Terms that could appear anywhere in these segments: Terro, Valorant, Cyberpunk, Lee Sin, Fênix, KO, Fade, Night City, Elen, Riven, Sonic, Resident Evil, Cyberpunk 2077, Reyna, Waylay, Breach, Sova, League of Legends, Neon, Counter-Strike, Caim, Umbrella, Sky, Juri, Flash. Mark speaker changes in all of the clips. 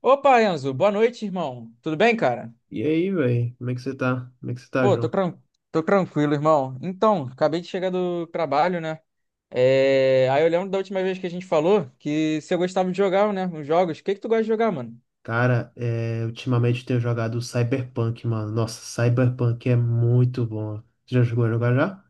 Speaker 1: Opa, Enzo, boa noite, irmão. Tudo bem, cara?
Speaker 2: E aí, velho? Como é que você tá? Como é que você tá,
Speaker 1: Pô, tô,
Speaker 2: João?
Speaker 1: tran- Tô tranquilo, irmão. Então, acabei de chegar do trabalho, né? Aí eu lembro da última vez que a gente falou que se eu gostava de jogar, né? Uns jogos. O que que tu gosta de jogar, mano?
Speaker 2: Cara, ultimamente eu tenho jogado Cyberpunk, mano. Nossa, Cyberpunk é muito bom. Você já jogou a jogar já?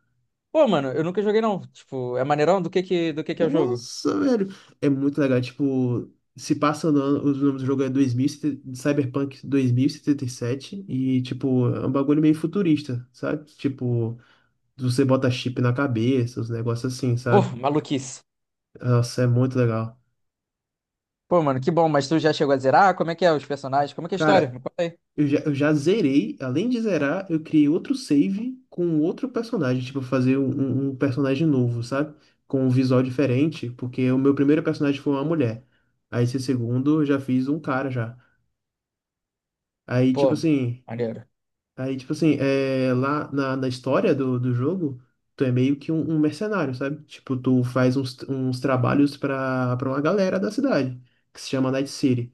Speaker 1: Pô, mano, eu nunca joguei, não. Tipo, é maneirão? Do que que é o jogo?
Speaker 2: Nossa, velho. É muito legal. Tipo, se passa no ano, o nome do jogo é 2000, Cyberpunk 2077. E, 77. E, tipo, é um bagulho meio futurista, sabe? Tipo, você bota chip na cabeça, os negócios assim,
Speaker 1: Pô,
Speaker 2: sabe?
Speaker 1: maluquice.
Speaker 2: Nossa, é muito legal.
Speaker 1: Pô, mano, que bom. Mas tu já chegou a zerar? Como é que é os personagens? Como é que é a história?
Speaker 2: Cara,
Speaker 1: Me conta aí.
Speaker 2: eu já zerei, além de zerar, eu criei outro save com outro personagem, tipo, fazer um personagem novo, sabe? Com um visual diferente, porque o meu primeiro personagem foi uma mulher. Aí esse segundo eu já fiz um cara já. Aí, tipo
Speaker 1: Pô,
Speaker 2: assim,
Speaker 1: maneiro.
Speaker 2: aí, tipo assim, lá na história do jogo, tu é meio que um mercenário, sabe? Tipo, tu faz uns trabalhos pra uma galera da cidade, que se chama Night City.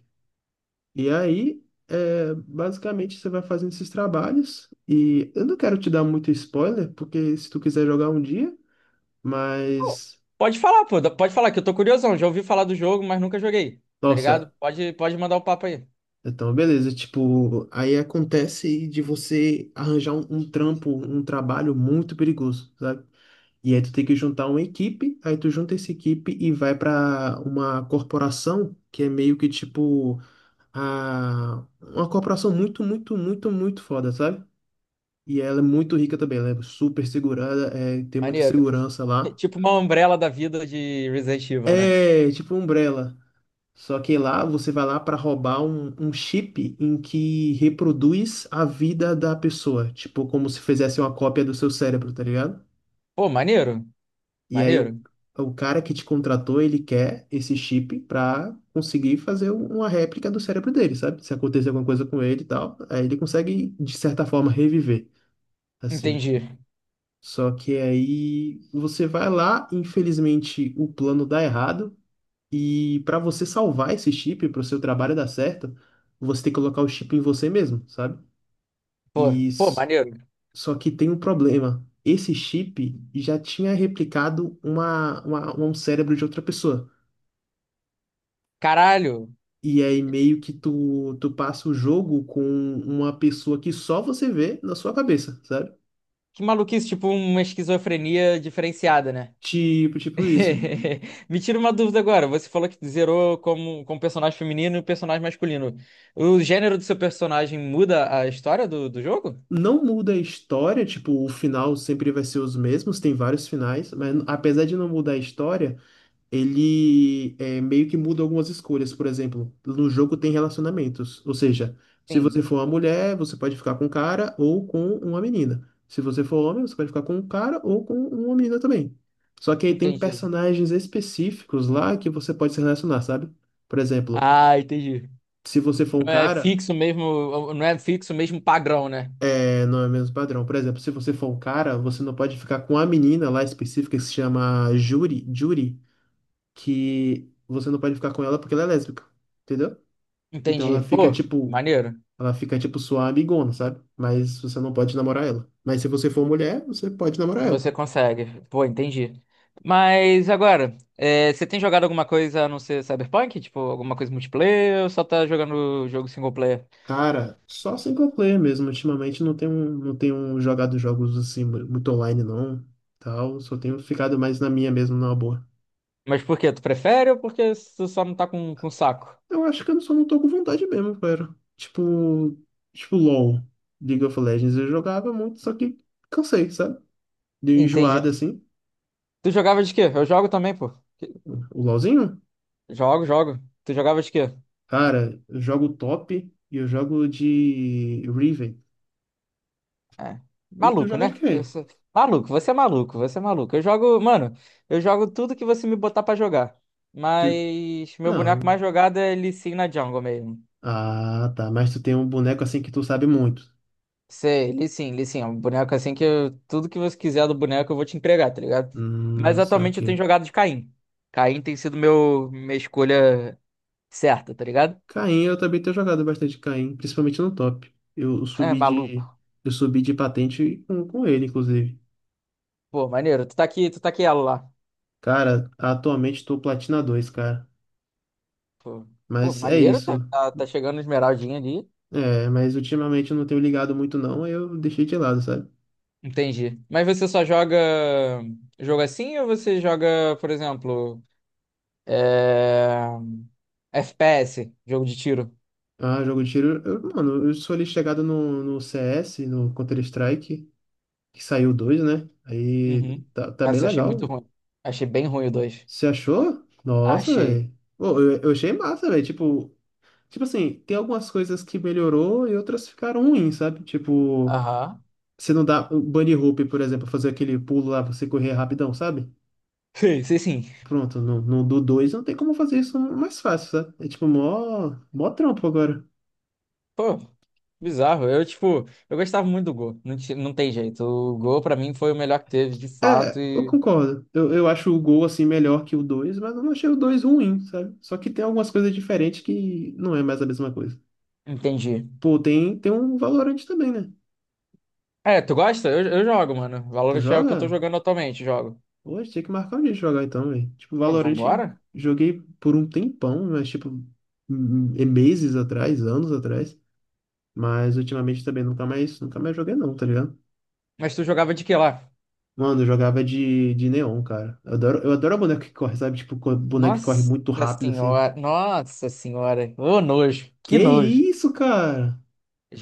Speaker 2: E aí, basicamente, você vai fazendo esses trabalhos. E eu não quero te dar muito spoiler, porque se tu quiser jogar um dia,
Speaker 1: Pô,
Speaker 2: mas.
Speaker 1: pode falar, pô. Pode falar que eu tô curiosão. Já ouvi falar do jogo, mas nunca joguei. Tá ligado?
Speaker 2: Nossa,
Speaker 1: Pode mandar o papo aí.
Speaker 2: então, beleza. Tipo, aí acontece de você arranjar um trampo, um trabalho muito perigoso, sabe? E aí tu tem que juntar uma equipe, aí tu junta essa equipe e vai pra uma corporação que é meio que tipo a uma corporação muito, muito, muito, muito foda, sabe? E ela é muito rica também, ela é super segurada, tem muita
Speaker 1: Maneiro.
Speaker 2: segurança lá.
Speaker 1: Tipo uma Umbrella da vida de Resident Evil, né?
Speaker 2: É tipo um Umbrella. Só que lá você vai lá para roubar um chip em que reproduz a vida da pessoa. Tipo, como se fizesse uma cópia do seu cérebro, tá ligado?
Speaker 1: Pô, maneiro.
Speaker 2: E aí o,
Speaker 1: Maneiro.
Speaker 2: o cara que te contratou, ele quer esse chip pra conseguir fazer uma réplica do cérebro dele, sabe? Se acontecer alguma coisa com ele e tal, aí ele consegue, de certa forma, reviver, assim.
Speaker 1: Entendi.
Speaker 2: Só que aí você vai lá, infelizmente o plano dá errado, e para você salvar esse chip, para o seu trabalho dar certo, você tem que colocar o chip em você mesmo, sabe?
Speaker 1: Pô,
Speaker 2: E
Speaker 1: pô,
Speaker 2: s-
Speaker 1: maneiro.
Speaker 2: Só que tem um problema. Esse chip já tinha replicado um cérebro de outra pessoa.
Speaker 1: Caralho.
Speaker 2: E aí meio que tu passa o jogo com uma pessoa que só você vê na sua cabeça, sabe?
Speaker 1: Que maluquice, tipo uma esquizofrenia diferenciada, né?
Speaker 2: Tipo isso.
Speaker 1: Me tira uma dúvida agora. Você falou que zerou como personagem feminino e personagem masculino. O gênero do seu personagem muda a história do jogo?
Speaker 2: Não muda a história, tipo, o final sempre vai ser os mesmos, tem vários finais, mas apesar de não mudar a história, meio que muda algumas escolhas. Por exemplo, no jogo tem relacionamentos, ou seja, se você
Speaker 1: Sim,
Speaker 2: for uma mulher, você pode ficar com um cara ou com uma menina. Se você for homem, você pode ficar com um cara ou com uma menina também. Só que aí tem
Speaker 1: entendi.
Speaker 2: personagens específicos lá que você pode se relacionar, sabe? Por exemplo,
Speaker 1: Ah, entendi.
Speaker 2: se você for um
Speaker 1: Não é
Speaker 2: cara,
Speaker 1: fixo mesmo, não é fixo mesmo padrão, né?
Speaker 2: é, não é o mesmo padrão. Por exemplo, se você for um cara, você não pode ficar com a menina lá específica que se chama Juri, que você não pode ficar com ela porque ela é lésbica, entendeu? Então
Speaker 1: Entendi. Pô, maneiro.
Speaker 2: ela fica tipo sua amigona, sabe? Mas você não pode namorar ela. Mas se você for mulher, você pode namorar ela.
Speaker 1: Você consegue. Pô, entendi. Mas agora, é, você tem jogado alguma coisa a não ser Cyberpunk? Tipo, alguma coisa multiplayer ou só tá jogando jogo single player?
Speaker 2: Cara, só single player mesmo. Ultimamente não tenho jogado jogos assim muito online não, tal. Só tenho ficado mais na minha mesmo, na boa.
Speaker 1: Mas por quê? Tu prefere ou porque tu só não tá com saco?
Speaker 2: Eu acho que eu só não tô com vontade mesmo, cara. Tipo, LoL, League of Legends, eu jogava muito, só que cansei, sabe? Dei
Speaker 1: Entendi.
Speaker 2: enjoada assim.
Speaker 1: Tu jogava de quê? Eu jogo também, pô.
Speaker 2: O LoLzinho?
Speaker 1: Jogo, jogo. Tu jogava de quê?
Speaker 2: Cara, eu jogo top e eu jogo de Riven.
Speaker 1: É.
Speaker 2: E tu
Speaker 1: Maluco,
Speaker 2: joga de
Speaker 1: né?
Speaker 2: quê?
Speaker 1: Eu sou... Maluco, você é maluco, você é maluco. Eu jogo, mano, eu jogo tudo que você me botar pra jogar.
Speaker 2: Tu...
Speaker 1: Mas meu
Speaker 2: Não.
Speaker 1: boneco mais jogado é Lee Sin na jungle mesmo.
Speaker 2: Ah, tá. Mas tu tem um boneco assim que tu sabe muito.
Speaker 1: Sei, li sim, li sim. É um boneco assim que tudo que você quiser do boneco eu vou te entregar, tá ligado? Mas
Speaker 2: Só
Speaker 1: atualmente eu tenho
Speaker 2: que.
Speaker 1: jogado de Caim. Caim tem sido meu, minha escolha certa, tá ligado?
Speaker 2: Caim, eu também tenho jogado bastante Caim, principalmente no top.
Speaker 1: É, maluco.
Speaker 2: Eu subi de patente com ele, inclusive.
Speaker 1: Pô, maneiro. Tu tá aqui ela lá.
Speaker 2: Cara, atualmente tô Platina dois, cara.
Speaker 1: Pô, pô,
Speaker 2: Mas é
Speaker 1: maneiro, tá,
Speaker 2: isso.
Speaker 1: tá, tá chegando esmeraldinha ali.
Speaker 2: É, mas ultimamente eu não tenho ligado muito não, aí eu deixei de lado, sabe?
Speaker 1: Entendi. Mas você só joga jogo assim ou você joga, por exemplo, é, FPS, jogo de tiro?
Speaker 2: Ah, jogo de tiro, eu, mano, eu sou ali chegado no CS, no Counter-Strike, que saiu dois, né? Aí
Speaker 1: Uhum.
Speaker 2: tá bem
Speaker 1: Nossa, achei muito
Speaker 2: legal.
Speaker 1: ruim. Achei bem ruim o dois.
Speaker 2: Você achou? Nossa,
Speaker 1: Achei.
Speaker 2: velho. Pô, eu achei massa, velho. Tipo assim, tem algumas coisas que melhorou e outras ficaram ruins, sabe? Tipo,
Speaker 1: Aham.
Speaker 2: você não dá o bunny hoop, por exemplo, fazer aquele pulo lá, pra você correr rapidão, sabe?
Speaker 1: Sei, sei sim.
Speaker 2: Pronto, no do 2 não tem como fazer isso mais fácil, sabe? É tipo mó trampo agora.
Speaker 1: Pô, bizarro. Eu, tipo, eu gostava muito do Go. Não, não tem jeito. O Go, pra mim, foi o melhor que teve, de fato,
Speaker 2: É, eu
Speaker 1: e
Speaker 2: concordo. Eu acho o Gol assim melhor que o dois, mas eu não achei o 2 ruim, sabe? Só que tem algumas coisas diferentes que não é mais a mesma coisa.
Speaker 1: entendi.
Speaker 2: Pô, tem um Valorante também, né?
Speaker 1: É, tu gosta? Eu jogo, mano.
Speaker 2: Tu
Speaker 1: Valorant é o que eu tô
Speaker 2: joga?
Speaker 1: jogando atualmente, jogo.
Speaker 2: Hoje tinha que marcar um dia de jogar então, velho. Tipo,
Speaker 1: Pô,
Speaker 2: Valorante
Speaker 1: vambora?
Speaker 2: joguei por um tempão, mas tipo, meses atrás, anos atrás. Mas ultimamente também nunca mais, nunca mais joguei não, tá ligado?
Speaker 1: Mas tu jogava de que lá?
Speaker 2: Mano, eu jogava de neon, cara. Eu adoro boneco que corre, sabe? Tipo, boneco que corre
Speaker 1: Nossa
Speaker 2: muito rápido, assim.
Speaker 1: senhora, nossa senhora. Ô, nojo, que
Speaker 2: Que
Speaker 1: nojo.
Speaker 2: isso, cara?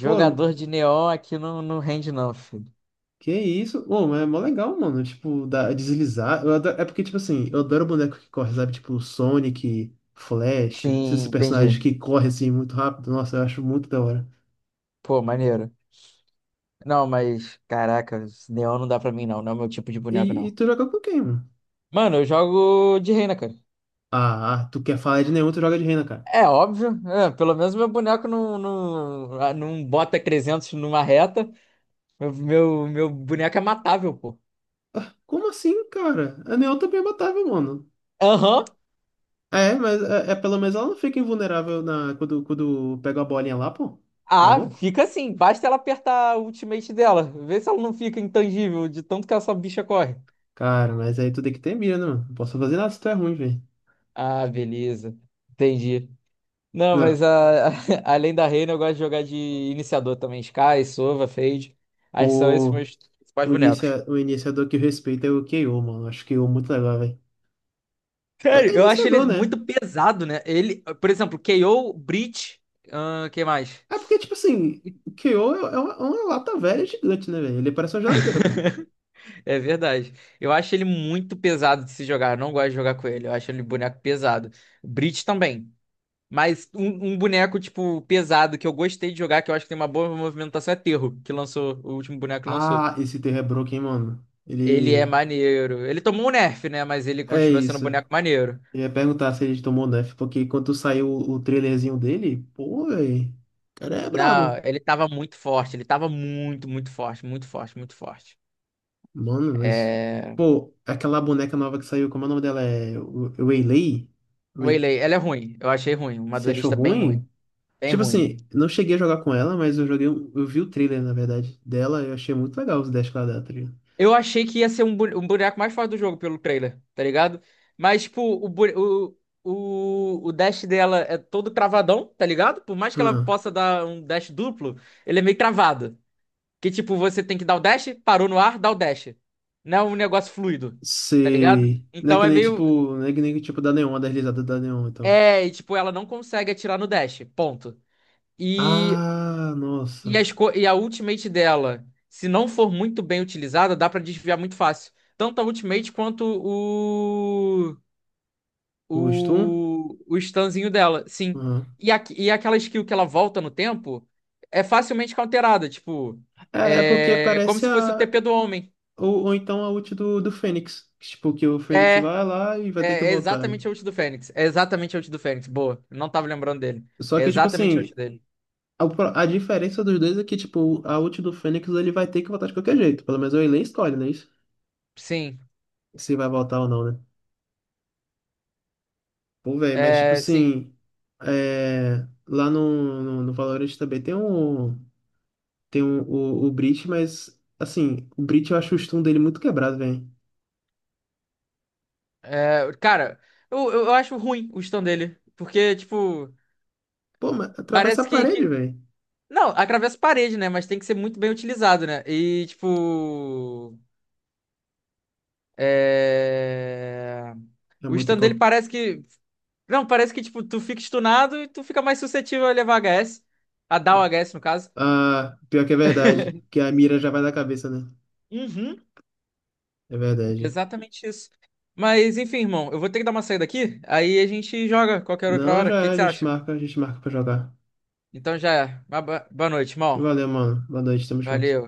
Speaker 2: Pô,
Speaker 1: de neon aqui não, não rende não, filho.
Speaker 2: que isso? Ô, mas é mó legal, mano. Tipo, deslizar. É porque, tipo assim, eu adoro boneco que corre, sabe? Tipo, Sonic, Flash,
Speaker 1: Sim,
Speaker 2: esses personagens
Speaker 1: entendi.
Speaker 2: que correm, assim, muito rápido. Nossa, eu acho muito da hora.
Speaker 1: Pô, maneiro. Não, mas, caraca, neon não dá pra mim não, não é o meu tipo de boneco
Speaker 2: E
Speaker 1: não.
Speaker 2: tu joga com quem, mano?
Speaker 1: Mano, eu jogo de reina, cara.
Speaker 2: Ah, tu quer falar de neon, tu joga de Reyna, cara.
Speaker 1: É óbvio, é, pelo menos meu boneco não, não, ah, não bota 300 numa reta. Meu boneco é matável, pô.
Speaker 2: Como assim, cara? A neon também é matável, mano.
Speaker 1: Aham.
Speaker 2: É, mas pelo menos ela não fica invulnerável quando pega a bolinha lá, pô. Tá
Speaker 1: Ah,
Speaker 2: louco?
Speaker 1: fica assim. Basta ela apertar o ultimate dela. Vê se ela não fica intangível de tanto que essa bicha corre.
Speaker 2: Cara, mas aí tu tem que ter mira, né, mano? Não posso fazer nada se tu é ruim, velho.
Speaker 1: Ah, beleza. Entendi. Não,
Speaker 2: Não,
Speaker 1: mas a, além da reina, eu gosto de jogar de iniciador também. Sky, Sova, Fade. Aí são esses
Speaker 2: pô,
Speaker 1: meus principais bonecos.
Speaker 2: o iniciador que eu respeito é o KO, mano. Acho que o muito legal, velho. É,
Speaker 1: Sério,
Speaker 2: é
Speaker 1: eu acho
Speaker 2: iniciador,
Speaker 1: ele
Speaker 2: né?
Speaker 1: muito pesado, né? Ele, por exemplo, KO, Breach, quem mais?
Speaker 2: É porque, tipo assim, o KO é uma lata velha gigante, né, velho? Ele parece uma geladeira, pô.
Speaker 1: É verdade. Eu acho ele muito pesado de se jogar. Eu não gosto de jogar com ele. Eu acho ele boneco pesado. Breach também. Mas um boneco, tipo, pesado que eu gostei de jogar, que eu acho que tem uma boa movimentação, é Terro, que lançou, o último boneco que lançou.
Speaker 2: Ah, esse terra é broken, hein, mano.
Speaker 1: Ele é
Speaker 2: Ele.
Speaker 1: maneiro. Ele tomou um nerf, né? Mas ele
Speaker 2: É
Speaker 1: continua sendo um
Speaker 2: isso.
Speaker 1: boneco maneiro.
Speaker 2: Ia perguntar se ele tomou Nerf, porque quando saiu o trailerzinho dele, pô, véi, o cara é brabo.
Speaker 1: Não, ele tava muito forte. Ele tava muito, muito forte, muito forte, muito forte.
Speaker 2: Mano, mas.
Speaker 1: É.
Speaker 2: Pô, aquela boneca nova que saiu, como é o nome dela? É Waylay? Wei-
Speaker 1: Waylay, ela é ruim. Eu achei ruim. Uma
Speaker 2: Você achou
Speaker 1: duelista bem ruim.
Speaker 2: ruim?
Speaker 1: Bem
Speaker 2: Tipo
Speaker 1: ruim.
Speaker 2: assim, não cheguei a jogar com ela, mas eu joguei. Eu vi o trailer, na verdade, dela, eu achei muito legal os dash que ela dá, tá ligado?
Speaker 1: Eu achei que ia ser um, um boneco mais forte do jogo pelo trailer, tá ligado? Mas, tipo, o, bu- o dash dela é todo travadão, tá ligado? Por mais que ela
Speaker 2: Hum,
Speaker 1: possa dar um dash duplo, ele é meio travado. Que, tipo, você tem que dar o dash, parou no ar, dá o dash. Não é um negócio fluido, tá ligado?
Speaker 2: sei. Não é
Speaker 1: Então
Speaker 2: que
Speaker 1: é
Speaker 2: nem
Speaker 1: meio.
Speaker 2: tipo. Não é que nem tipo da Neon, a deslizada da Neon, então.
Speaker 1: É, e, tipo, ela não consegue atirar no dash, ponto. E
Speaker 2: Ah,
Speaker 1: E,
Speaker 2: nossa.
Speaker 1: as co- e a ultimate dela, se não for muito bem utilizada, dá pra desviar muito fácil. Tanto a ultimate quanto o.
Speaker 2: Gosto?
Speaker 1: O stunzinho dela, sim.
Speaker 2: Hum.
Speaker 1: E, a, e aquela skill que ela volta no tempo é facilmente counterada. Tipo,
Speaker 2: É porque
Speaker 1: é como
Speaker 2: parece
Speaker 1: se fosse o
Speaker 2: a.
Speaker 1: TP do homem.
Speaker 2: Ou então a ult do Fênix. Tipo, que o Fênix
Speaker 1: É,
Speaker 2: vai lá e vai ter que
Speaker 1: é
Speaker 2: voltar, né?
Speaker 1: exatamente a ult do Fênix. É exatamente a ult do Fênix. Boa. Não tava lembrando dele.
Speaker 2: Só
Speaker 1: É
Speaker 2: que, tipo
Speaker 1: exatamente a
Speaker 2: assim,
Speaker 1: ult dele.
Speaker 2: a diferença dos dois é que, tipo, a ult do Fênix ele vai ter que voltar de qualquer jeito. Pelo menos o Elen escolhe, né? Isso?
Speaker 1: Sim.
Speaker 2: Se vai voltar ou não, né? Pô, velho, mas, tipo
Speaker 1: É, sim.
Speaker 2: assim, é, lá no Valorant também tem um. Tem o Breach, mas, assim, o Breach eu acho o stun dele muito quebrado, velho.
Speaker 1: É, cara, eu acho ruim o stun dele. Porque, tipo,
Speaker 2: Pô, mas atravessa
Speaker 1: parece
Speaker 2: a parede, velho.
Speaker 1: não, atravessa a parede, né? Mas tem que ser muito bem utilizado, né? E, tipo. É...
Speaker 2: É
Speaker 1: O
Speaker 2: muito.
Speaker 1: stun dele parece que. Não, parece que, tipo, tu fica stunado e tu fica mais suscetível a levar HS. A
Speaker 2: É.
Speaker 1: dar o HS, no caso.
Speaker 2: Ah, pior que é verdade, que a mira já vai da cabeça, né?
Speaker 1: Uhum,
Speaker 2: É verdade.
Speaker 1: exatamente isso. Mas, enfim, irmão, eu vou ter que dar uma saída aqui. Aí a gente joga qualquer outra
Speaker 2: Não,
Speaker 1: hora. O
Speaker 2: já é,
Speaker 1: que que você acha?
Speaker 2: a gente marca pra jogar.
Speaker 1: Então já é. Uma boa noite, irmão.
Speaker 2: Valeu, mano. Boa noite, tamo junto.
Speaker 1: Valeu.